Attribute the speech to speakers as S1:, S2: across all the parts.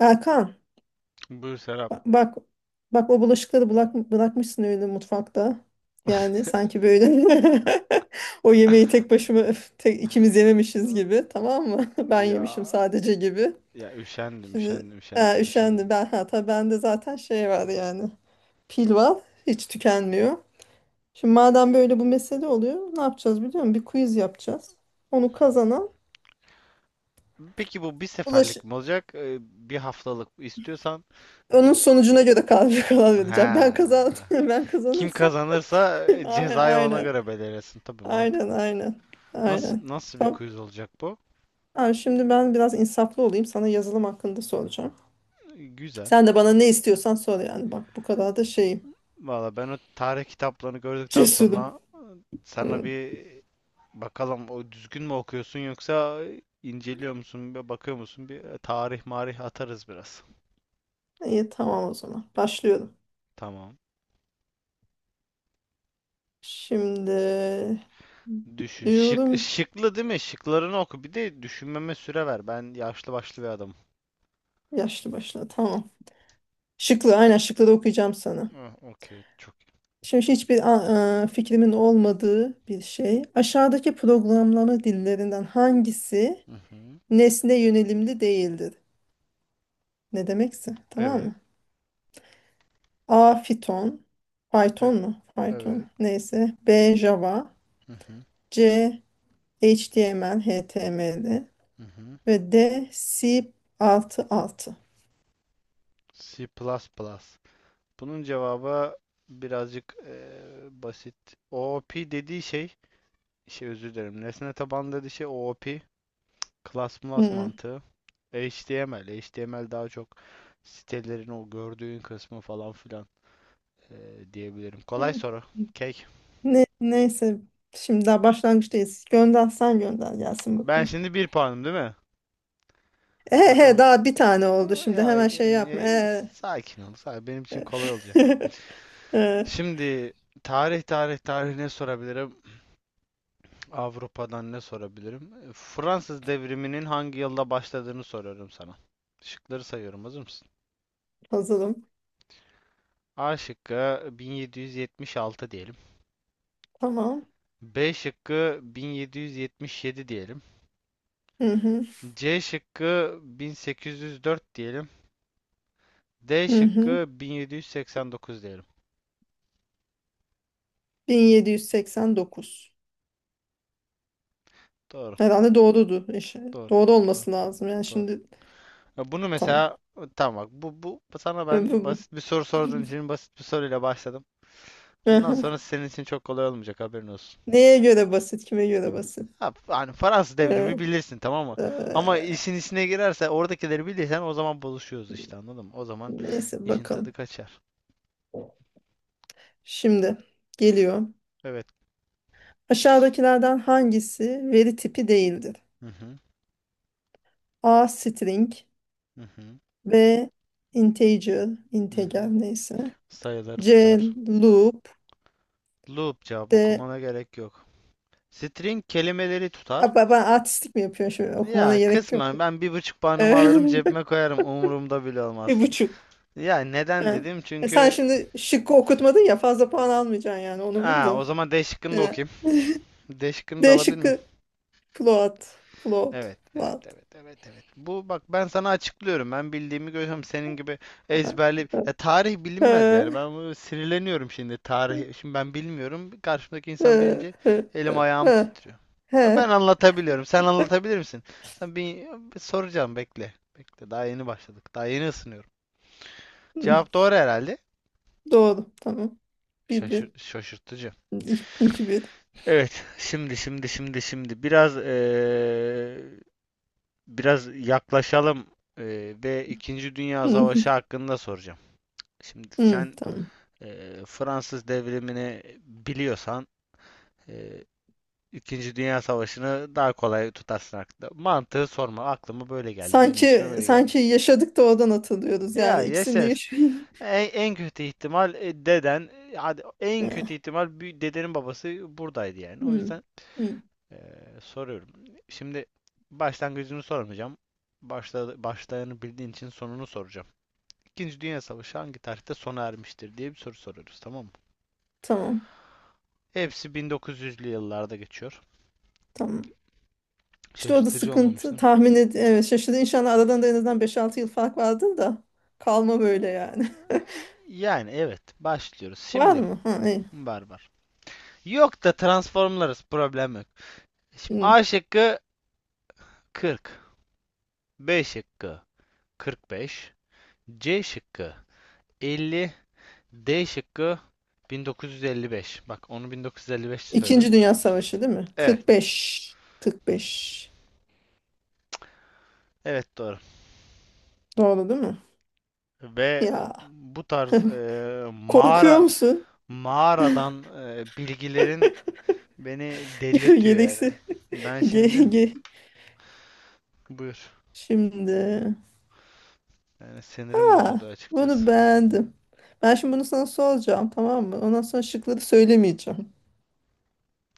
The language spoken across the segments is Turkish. S1: Erkan,
S2: Buyur Serap.
S1: ba- bak bak o bulaşıkları bırak, bırakmışsın öyle mutfakta. Yani sanki böyle o yemeği tek başıma öf, tek, ikimiz yememişiz gibi, tamam mı? Ben yemişim
S2: Ya
S1: sadece gibi.
S2: ya üşendim,
S1: Şimdi
S2: üşendim,
S1: ha,
S2: üşendim, üşendim.
S1: üşendim ben, hatta bende zaten şey var yani, pil var, hiç tükenmiyor. Şimdi madem böyle bu mesele oluyor, ne yapacağız biliyor musun? Bir quiz yapacağız. Onu kazanan
S2: Peki bu bir
S1: bulaş
S2: seferlik mi olacak? Bir haftalık istiyorsan. e,
S1: onun sonucuna göre karar karar vereceğim. Ben kazandım
S2: Ha.
S1: ben
S2: Kim
S1: kazanırsam
S2: kazanırsa
S1: aynen,
S2: cezayı ona
S1: aynen.
S2: göre belirlesin. Tabii
S1: Aynen,
S2: mantıklı.
S1: aynen.
S2: Nasıl
S1: Aynen.
S2: nasıl bir
S1: Tamam.
S2: quiz olacak bu?
S1: Ha, şimdi ben biraz insaflı olayım. Sana yazılım hakkında soracağım.
S2: Güzel.
S1: Sen de bana ne istiyorsan sor yani. Bak, bu kadar da şeyim.
S2: Valla ben o tarih kitaplarını gördükten
S1: Cesurum.
S2: sonra sana
S1: Hı.
S2: bir bakalım o düzgün mü okuyorsun yoksa inceliyor musun, bir bakıyor musun? Bir tarih marih atarız biraz.
S1: İyi, tamam o zaman. Başlıyorum.
S2: Tamam.
S1: Şimdi
S2: Düşün. Şık,
S1: diyorum,
S2: şıklı değil mi? Şıklarını oku. Bir de düşünmeme süre ver. Ben yaşlı başlı bir adamım.
S1: yaşlı başla. Tamam. Şıklı, aynen şıkları okuyacağım sana.
S2: Ah, okey. Çok iyi.
S1: Şimdi hiçbir fikrimin olmadığı bir şey. Aşağıdaki programlama dillerinden hangisi
S2: Hı hı.
S1: nesne yönelimli değildir? Ne demekse, tamam
S2: Evet.
S1: mı? A. Python. Python
S2: E-
S1: mu?
S2: evet.
S1: Python. Neyse. B. Java.
S2: Hı hı.
S1: C. HTML, HTML
S2: Hı hı.
S1: ve D. C++. Altı altı.
S2: C++. Bunun cevabı birazcık basit. OOP dediği şey, şey özür dilerim. Nesne tabanlı dediği şey OOP. Class plus
S1: Hmm.
S2: mantığı. HTML. HTML daha çok sitelerin o gördüğün kısmı falan filan diyebilirim. Kolay
S1: Hmm.
S2: soru. Cake.
S1: Neyse. Şimdi daha başlangıçtayız. Gönder, sen gönder gelsin
S2: Ben
S1: bakalım.
S2: şimdi bir puanım değil mi?
S1: E,
S2: Bakın.
S1: he, daha bir tane oldu. Şimdi
S2: Ya,
S1: hemen şey yapma.
S2: sakin ol. Sakin. Benim için kolay
S1: E.
S2: olacak.
S1: E,
S2: Şimdi tarih ne sorabilirim? Avrupa'dan ne sorabilirim? Fransız devriminin hangi yılda başladığını soruyorum sana. Şıkları sayıyorum. Hazır mısın?
S1: Hazırım.
S2: A şıkkı 1776 diyelim.
S1: Tamam.
S2: B şıkkı 1777 diyelim.
S1: Hı hı.
S2: C şıkkı 1804 diyelim. D
S1: Hı hı.
S2: şıkkı 1789 diyelim.
S1: 1789.
S2: Doğru,
S1: Herhalde doğrudur. İşte
S2: doğru,
S1: doğru
S2: doğru,
S1: olması lazım. Yani
S2: doğru.
S1: şimdi
S2: Ya bunu
S1: tamam.
S2: mesela tamam bak bu sana ben
S1: Ee,
S2: basit bir soru sorduğun için basit bir soruyla başladım. Bundan
S1: aha.
S2: sonra senin için çok kolay olmayacak haberin olsun.
S1: Neye göre basit, kime göre basit?
S2: Ha, hani Fransız
S1: Ee,
S2: devrimi bilirsin tamam mı? Ama
S1: ee,
S2: işin içine girerse oradakileri bilirsen o zaman buluşuyoruz işte anladın mı? O zaman
S1: neyse,
S2: işin tadı
S1: bakalım.
S2: kaçar.
S1: Şimdi geliyor.
S2: Evet.
S1: Aşağıdakilerden hangisi veri tipi değildir?
S2: Hı hı,
S1: A. String.
S2: hı hı,
S1: B. Integer,
S2: hı
S1: integer
S2: hı.
S1: neyse.
S2: Sayıları
S1: C.
S2: tutar.
S1: Loop.
S2: Loop, cevap
S1: D.
S2: okumana gerek yok. String kelimeleri tutar.
S1: Aa, ben artistik mi yapıyorum şimdi? Okumana
S2: Ya
S1: gerek yok.
S2: kısmen ben bir buçuk puanımı
S1: Ee,
S2: alırım cebime koyarım umurumda bile olmaz.
S1: Bir buçuk.
S2: Ya neden
S1: Ha.
S2: dedim?
S1: Sen
S2: Çünkü
S1: şimdi şıkkı okutmadın ya, fazla puan almayacaksın yani, onu bil
S2: ha,
S1: de.
S2: o zaman D şıkkını da
S1: Ee,
S2: okuyayım. D şıkkını da
S1: D
S2: alabilir
S1: şıkkı
S2: miyim?
S1: Plot. Plot.
S2: Evet, evet,
S1: Plot.
S2: evet, evet, evet. Bu bak ben sana açıklıyorum. Ben bildiğimi görüyorum. Senin gibi ezberli. Ya tarih bilinmez yani. Ben bu sinirleniyorum şimdi tarih. Şimdi ben bilmiyorum. Karşımdaki insan bilince elim ayağım titriyor. Ben anlatabiliyorum. Sen anlatabilir misin? Sen bir soracağım bekle. Bekle. Daha yeni başladık. Daha yeni ısınıyorum. Cevap doğru herhalde.
S1: Doğru. Tamam. Bir
S2: Şaşır
S1: bir.
S2: şaşırtıcı.
S1: İki iki bir.
S2: Evet, şimdi biraz biraz yaklaşalım ve İkinci Dünya
S1: Hı,
S2: Savaşı hakkında soracağım. Şimdi
S1: hı.
S2: sen
S1: Tamam.
S2: Fransız devrimini biliyorsan eee, İkinci Dünya Savaşı'nı daha kolay tutarsın aklında. Mantığı sorma, aklıma böyle geldi, benim işime
S1: Sanki
S2: böyle geldi.
S1: sanki yaşadık da oradan hatırlıyoruz
S2: Ya
S1: yani, ikisini de
S2: yaşarız.
S1: yaşıyoruz.
S2: En kötü ihtimal deden, hadi en
S1: Hı,
S2: kötü ihtimal bir dedenin babası buradaydı yani. O
S1: hı,
S2: yüzden
S1: hı.
S2: Soruyorum. Şimdi başlangıcını sormayacağım. Başlayanı bildiğin için sonunu soracağım. İkinci Dünya Savaşı hangi tarihte sona ermiştir diye bir soru soruyoruz, tamam mı?
S1: Tamam.
S2: Hepsi 1900'lü yıllarda geçiyor.
S1: Tamam. İşte orada
S2: Şaşırtıcı
S1: sıkıntı,
S2: olmamıştı.
S1: tahmin evet, şaşırdı. İnşallah aradan da en azından 5-6 yıl fark vardır da kalma böyle yani.
S2: Yani evet, başlıyoruz.
S1: Var
S2: Şimdi
S1: mı? Ha, iyi.
S2: barbar. Yok da transformlarız, problem yok. Şimdi
S1: Hı.
S2: A şıkkı 40, B şıkkı 45, C şıkkı 50, D şıkkı 1955. Bak onu 1955 söyledim.
S1: İkinci Dünya Savaşı değil mi?
S2: Evet.
S1: 45. 45.
S2: Evet doğru.
S1: Doğru değil mi?
S2: Ve
S1: Ya
S2: bu tarz
S1: korkuyor musun?
S2: mağaradan bilgilerin beni delirtiyor yani.
S1: Gereksi.
S2: Ben
S1: Ge
S2: şimdi
S1: ge
S2: buyur.
S1: şimdi.
S2: Yani sinirim bozuldu
S1: Ha,
S2: açıkçası.
S1: bunu beğendim. Ben şimdi bunu sana soracağım, tamam mı? Ondan sonra şıkları söylemeyeceğim.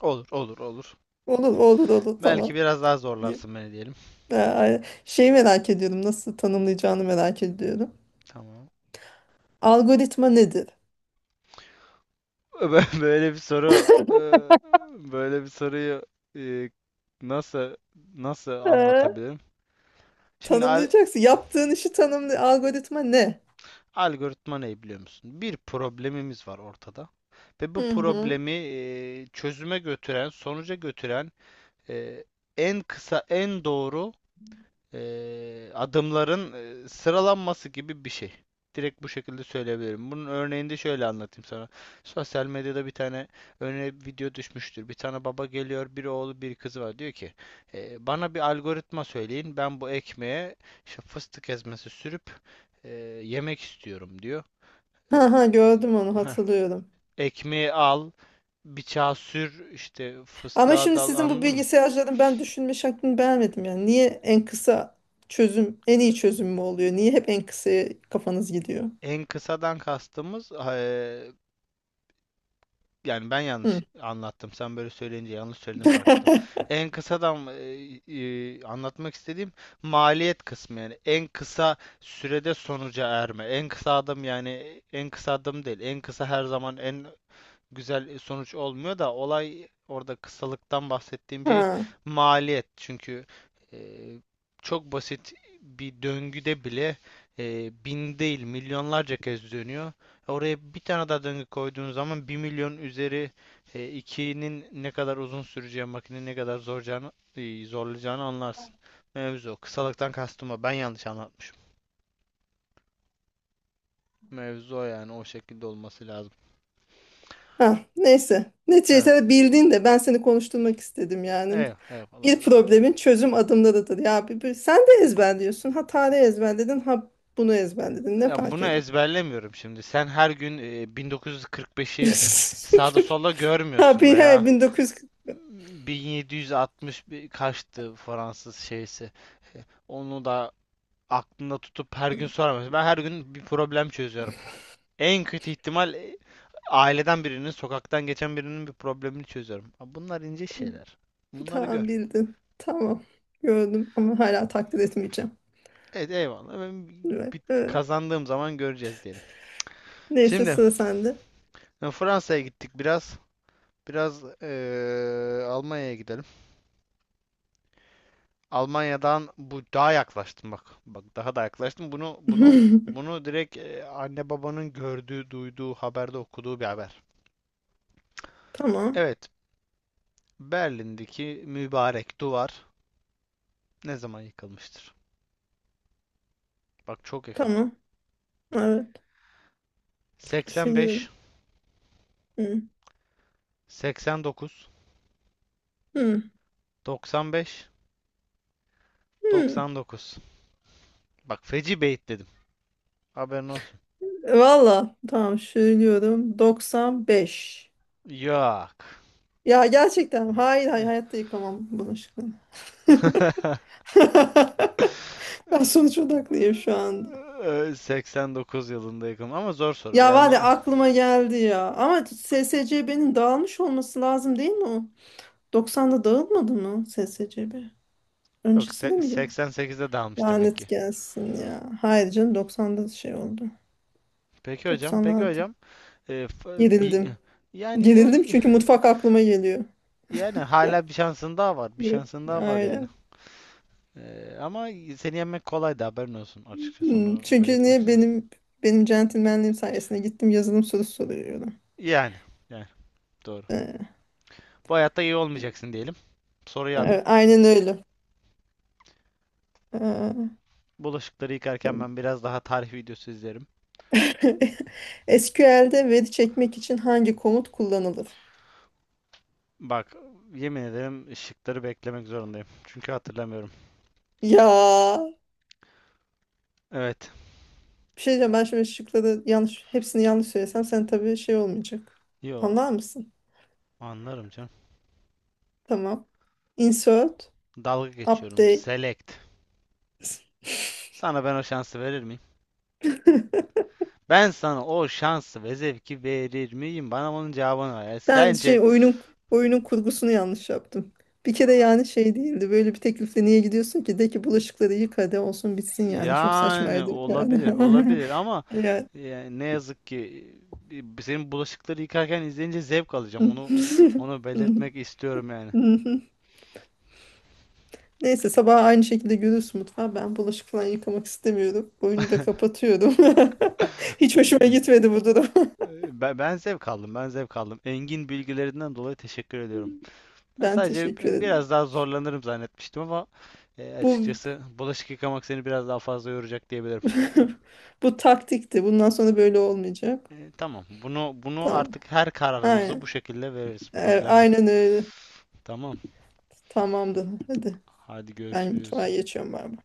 S2: Olur, olur, olur.
S1: Olur, olur, olur,
S2: Belki
S1: tamam.
S2: biraz daha
S1: Diye.
S2: zorlarsın beni diyelim.
S1: Ha, şeyi merak ediyorum. Nasıl tanımlayacağını merak ediyorum.
S2: Tamam.
S1: Algoritma nedir?
S2: Böyle bir soru e, Böyle bir soruyu e, nasıl nasıl
S1: Ha,
S2: anlatabilirim? Şimdi al-
S1: tanımlayacaksın. Yaptığın işi tanımlı. Algoritma ne?
S2: Algoritma ne biliyor musun? Bir problemimiz var ortada ve bu
S1: Hı hı.
S2: problemi çözüme götüren, sonuca götüren e, en kısa, en doğru adımların sıralanması gibi bir şey. Direkt bu şekilde söyleyebilirim. Bunun örneğini de şöyle anlatayım sana. Sosyal medyada bir tane örneğin video düşmüştür. Bir tane baba geliyor, bir oğlu, bir kızı var. Diyor ki, Bana bir algoritma söyleyin. Ben bu ekmeğe işte fıstık ezmesi sürüp e, yemek istiyorum diyor. Ee,
S1: Ha ha, gördüm, onu
S2: heh,
S1: hatırlıyorum.
S2: ekmeği al, bıçağı sür, işte
S1: Ama
S2: fıstığa
S1: şimdi
S2: dal
S1: sizin bu
S2: anladın mı?
S1: bilgisayarcıların ben düşünme şeklini beğenmedim yani. Niye en kısa çözüm en iyi çözüm mü oluyor? Niye hep en kısaya kafanız gidiyor?
S2: En kısadan kastımız yani ben
S1: Hı.
S2: yanlış anlattım. Sen böyle söyleyince yanlış söyledim fark ettim. En kısadan anlatmak istediğim maliyet kısmı yani en kısa sürede sonuca erme. En kısa adım yani en kısa adım değil. En kısa her zaman en güzel sonuç olmuyor da olay orada kısalıktan bahsettiğim şey
S1: Ha,
S2: maliyet. Çünkü e, çok basit bir döngüde bile bin değil milyonlarca kez dönüyor. Oraya bir tane daha döngü koyduğun zaman bir milyon üzeri 2'nin ne kadar uzun süreceği makinenin ne kadar zorlayacağını anlarsın. Mevzu o. Kısalıktan kastım o. Ben yanlış anlatmışım. Mevzu o yani o şekilde olması lazım.
S1: ha, neyse.
S2: Evet.
S1: Neticede bildin de ben seni konuşturmak istedim yani.
S2: Eyvallah, eyvallah,
S1: Bir
S2: eyvallah.
S1: problemin çözüm adımlarıdır. Ya sen de ezberliyorsun. Ha tarih ezberledin, ha bunu ezberledin. Ne
S2: Ya
S1: fark
S2: bunu
S1: eder?
S2: ezberlemiyorum şimdi. Sen her gün 1945'i sağda solda
S1: Ha
S2: görmüyorsun
S1: bir he,
S2: veya 1760 bir kaçtı Fransız şeysi. Onu da aklında tutup her gün soramıyorsun. Ben her gün bir problem çözüyorum. En kötü ihtimal aileden birinin, sokaktan geçen birinin bir problemini çözüyorum. Ha, bunlar ince şeyler. Bunları
S1: tamam
S2: gör.
S1: bildin. Tamam. Gördüm ama hala taklit etmeyeceğim.
S2: Evet eyvallah. Ben bir
S1: Evet,
S2: bir
S1: evet.
S2: kazandığım zaman göreceğiz diyelim.
S1: Neyse,
S2: Şimdi
S1: sıra sende.
S2: Fransa'ya gittik biraz. Biraz Almanya'ya gidelim. Almanya'dan bu daha yaklaştım bak. Bak daha da yaklaştım. Bunu bunu bunu direkt anne babanın gördüğü, duyduğu, haberde okuduğu bir haber.
S1: Tamam.
S2: Evet, Berlin'deki mübarek duvar ne zaman yıkılmıştır? Bak çok yakın.
S1: Tamam. Evet.
S2: 85,
S1: Düşünüyorum. Hı.
S2: 89,
S1: Hı.
S2: 95,
S1: Hı.
S2: 99. Bak feci beyit dedim. Haberin olsun.
S1: Valla. Tamam. Söylüyorum. 95.
S2: Yok.
S1: Ya gerçekten. Hayır, hayır. Hayatta yıkamam bulaşıkları. Ben sonuç odaklıyım şu anda.
S2: 89 yılında yıkılmış ama zor soru.
S1: Ya
S2: Yani
S1: var ya, aklıma geldi ya. Ama SSCB'nin dağılmış olması lazım değil mi o? 90'da dağılmadı mı SSCB?
S2: yok,
S1: Öncesinde mi? Yedin?
S2: 88'de dalmış demek
S1: Lanet
S2: ki.
S1: gelsin ya. Hayır canım, 90'da şey oldu.
S2: Peki hocam, peki
S1: 96.
S2: hocam. Bir,
S1: Gerildim.
S2: yani
S1: Gerildim
S2: yo-
S1: çünkü mutfak aklıma geliyor.
S2: yani hala bir şansın daha var. Bir
S1: Evet.
S2: şansın daha var yani.
S1: Aynen.
S2: Ama seni yenmek kolay da haberin olsun açıkçası
S1: Hmm.
S2: onu
S1: Çünkü
S2: belirtmek
S1: niye
S2: istiyorum.
S1: benim centilmenliğim sayesinde gittim yazılım sorusu soruyorum.
S2: Yani, yani doğru.
S1: Ee,
S2: Bu hayatta iyi olmayacaksın diyelim. Soruyu alayım.
S1: aynen öyle. Ee,
S2: Bulaşıkları yıkarken
S1: tamam.
S2: ben biraz daha tarih videosu izlerim.
S1: SQL'de veri çekmek için hangi komut kullanılır?
S2: Bak, yemin ederim şıkları beklemek zorundayım. Çünkü hatırlamıyorum.
S1: Ya
S2: Evet.
S1: bir şey diyeceğim, ben şimdi şıkları yanlış, hepsini yanlış söylesem sen tabii şey olmayacak.
S2: Yo,
S1: Anlar mısın?
S2: anlarım canım.
S1: Tamam. Insert,
S2: Dalga geçiyorum.
S1: update.
S2: Select. Sana ben o şansı verir miyim? Ben sana o şansı ve zevki verir miyim? Bana onun cevabını ver. Yani
S1: Ben
S2: sence
S1: şey, oyunun kurgusunu yanlış yaptım. Bir kere yani şey değildi. Böyle bir teklifle niye gidiyorsun ki? De ki bulaşıkları yık, hadi olsun bitsin yani. Çok
S2: yani
S1: saçmaydı yani.
S2: olabilir, olabilir ama
S1: Yani.
S2: yani ne yazık ki senin bulaşıkları yıkarken izleyince zevk alacağım. Onu belirtmek istiyorum yani.
S1: Neyse, sabah aynı şekilde görürsün mutfağı. Ben bulaşık falan yıkamak istemiyorum. Oyunu da kapatıyorum. Hiç hoşuma
S2: E,
S1: gitmedi bu durum.
S2: ben zevk aldım, ben zevk aldım. Engin bilgilerinden dolayı teşekkür ediyorum. Ben
S1: Ben
S2: sadece
S1: teşekkür ederim.
S2: biraz daha zorlanırım zannetmiştim ama
S1: Bu
S2: açıkçası bulaşık yıkamak seni biraz daha fazla yoracak diyebilirim.
S1: bu taktikti. Bundan sonra böyle olmayacak.
S2: Tamam. Bunu
S1: Tamam.
S2: artık her kararımızı bu
S1: Aynen.
S2: şekilde veririz.
S1: E,
S2: Problem yok.
S1: Aynen öyle.
S2: Tamam.
S1: Tamamdır. Hadi.
S2: Hadi
S1: Ben
S2: görüşürüz.
S1: mutfağa geçiyorum ben.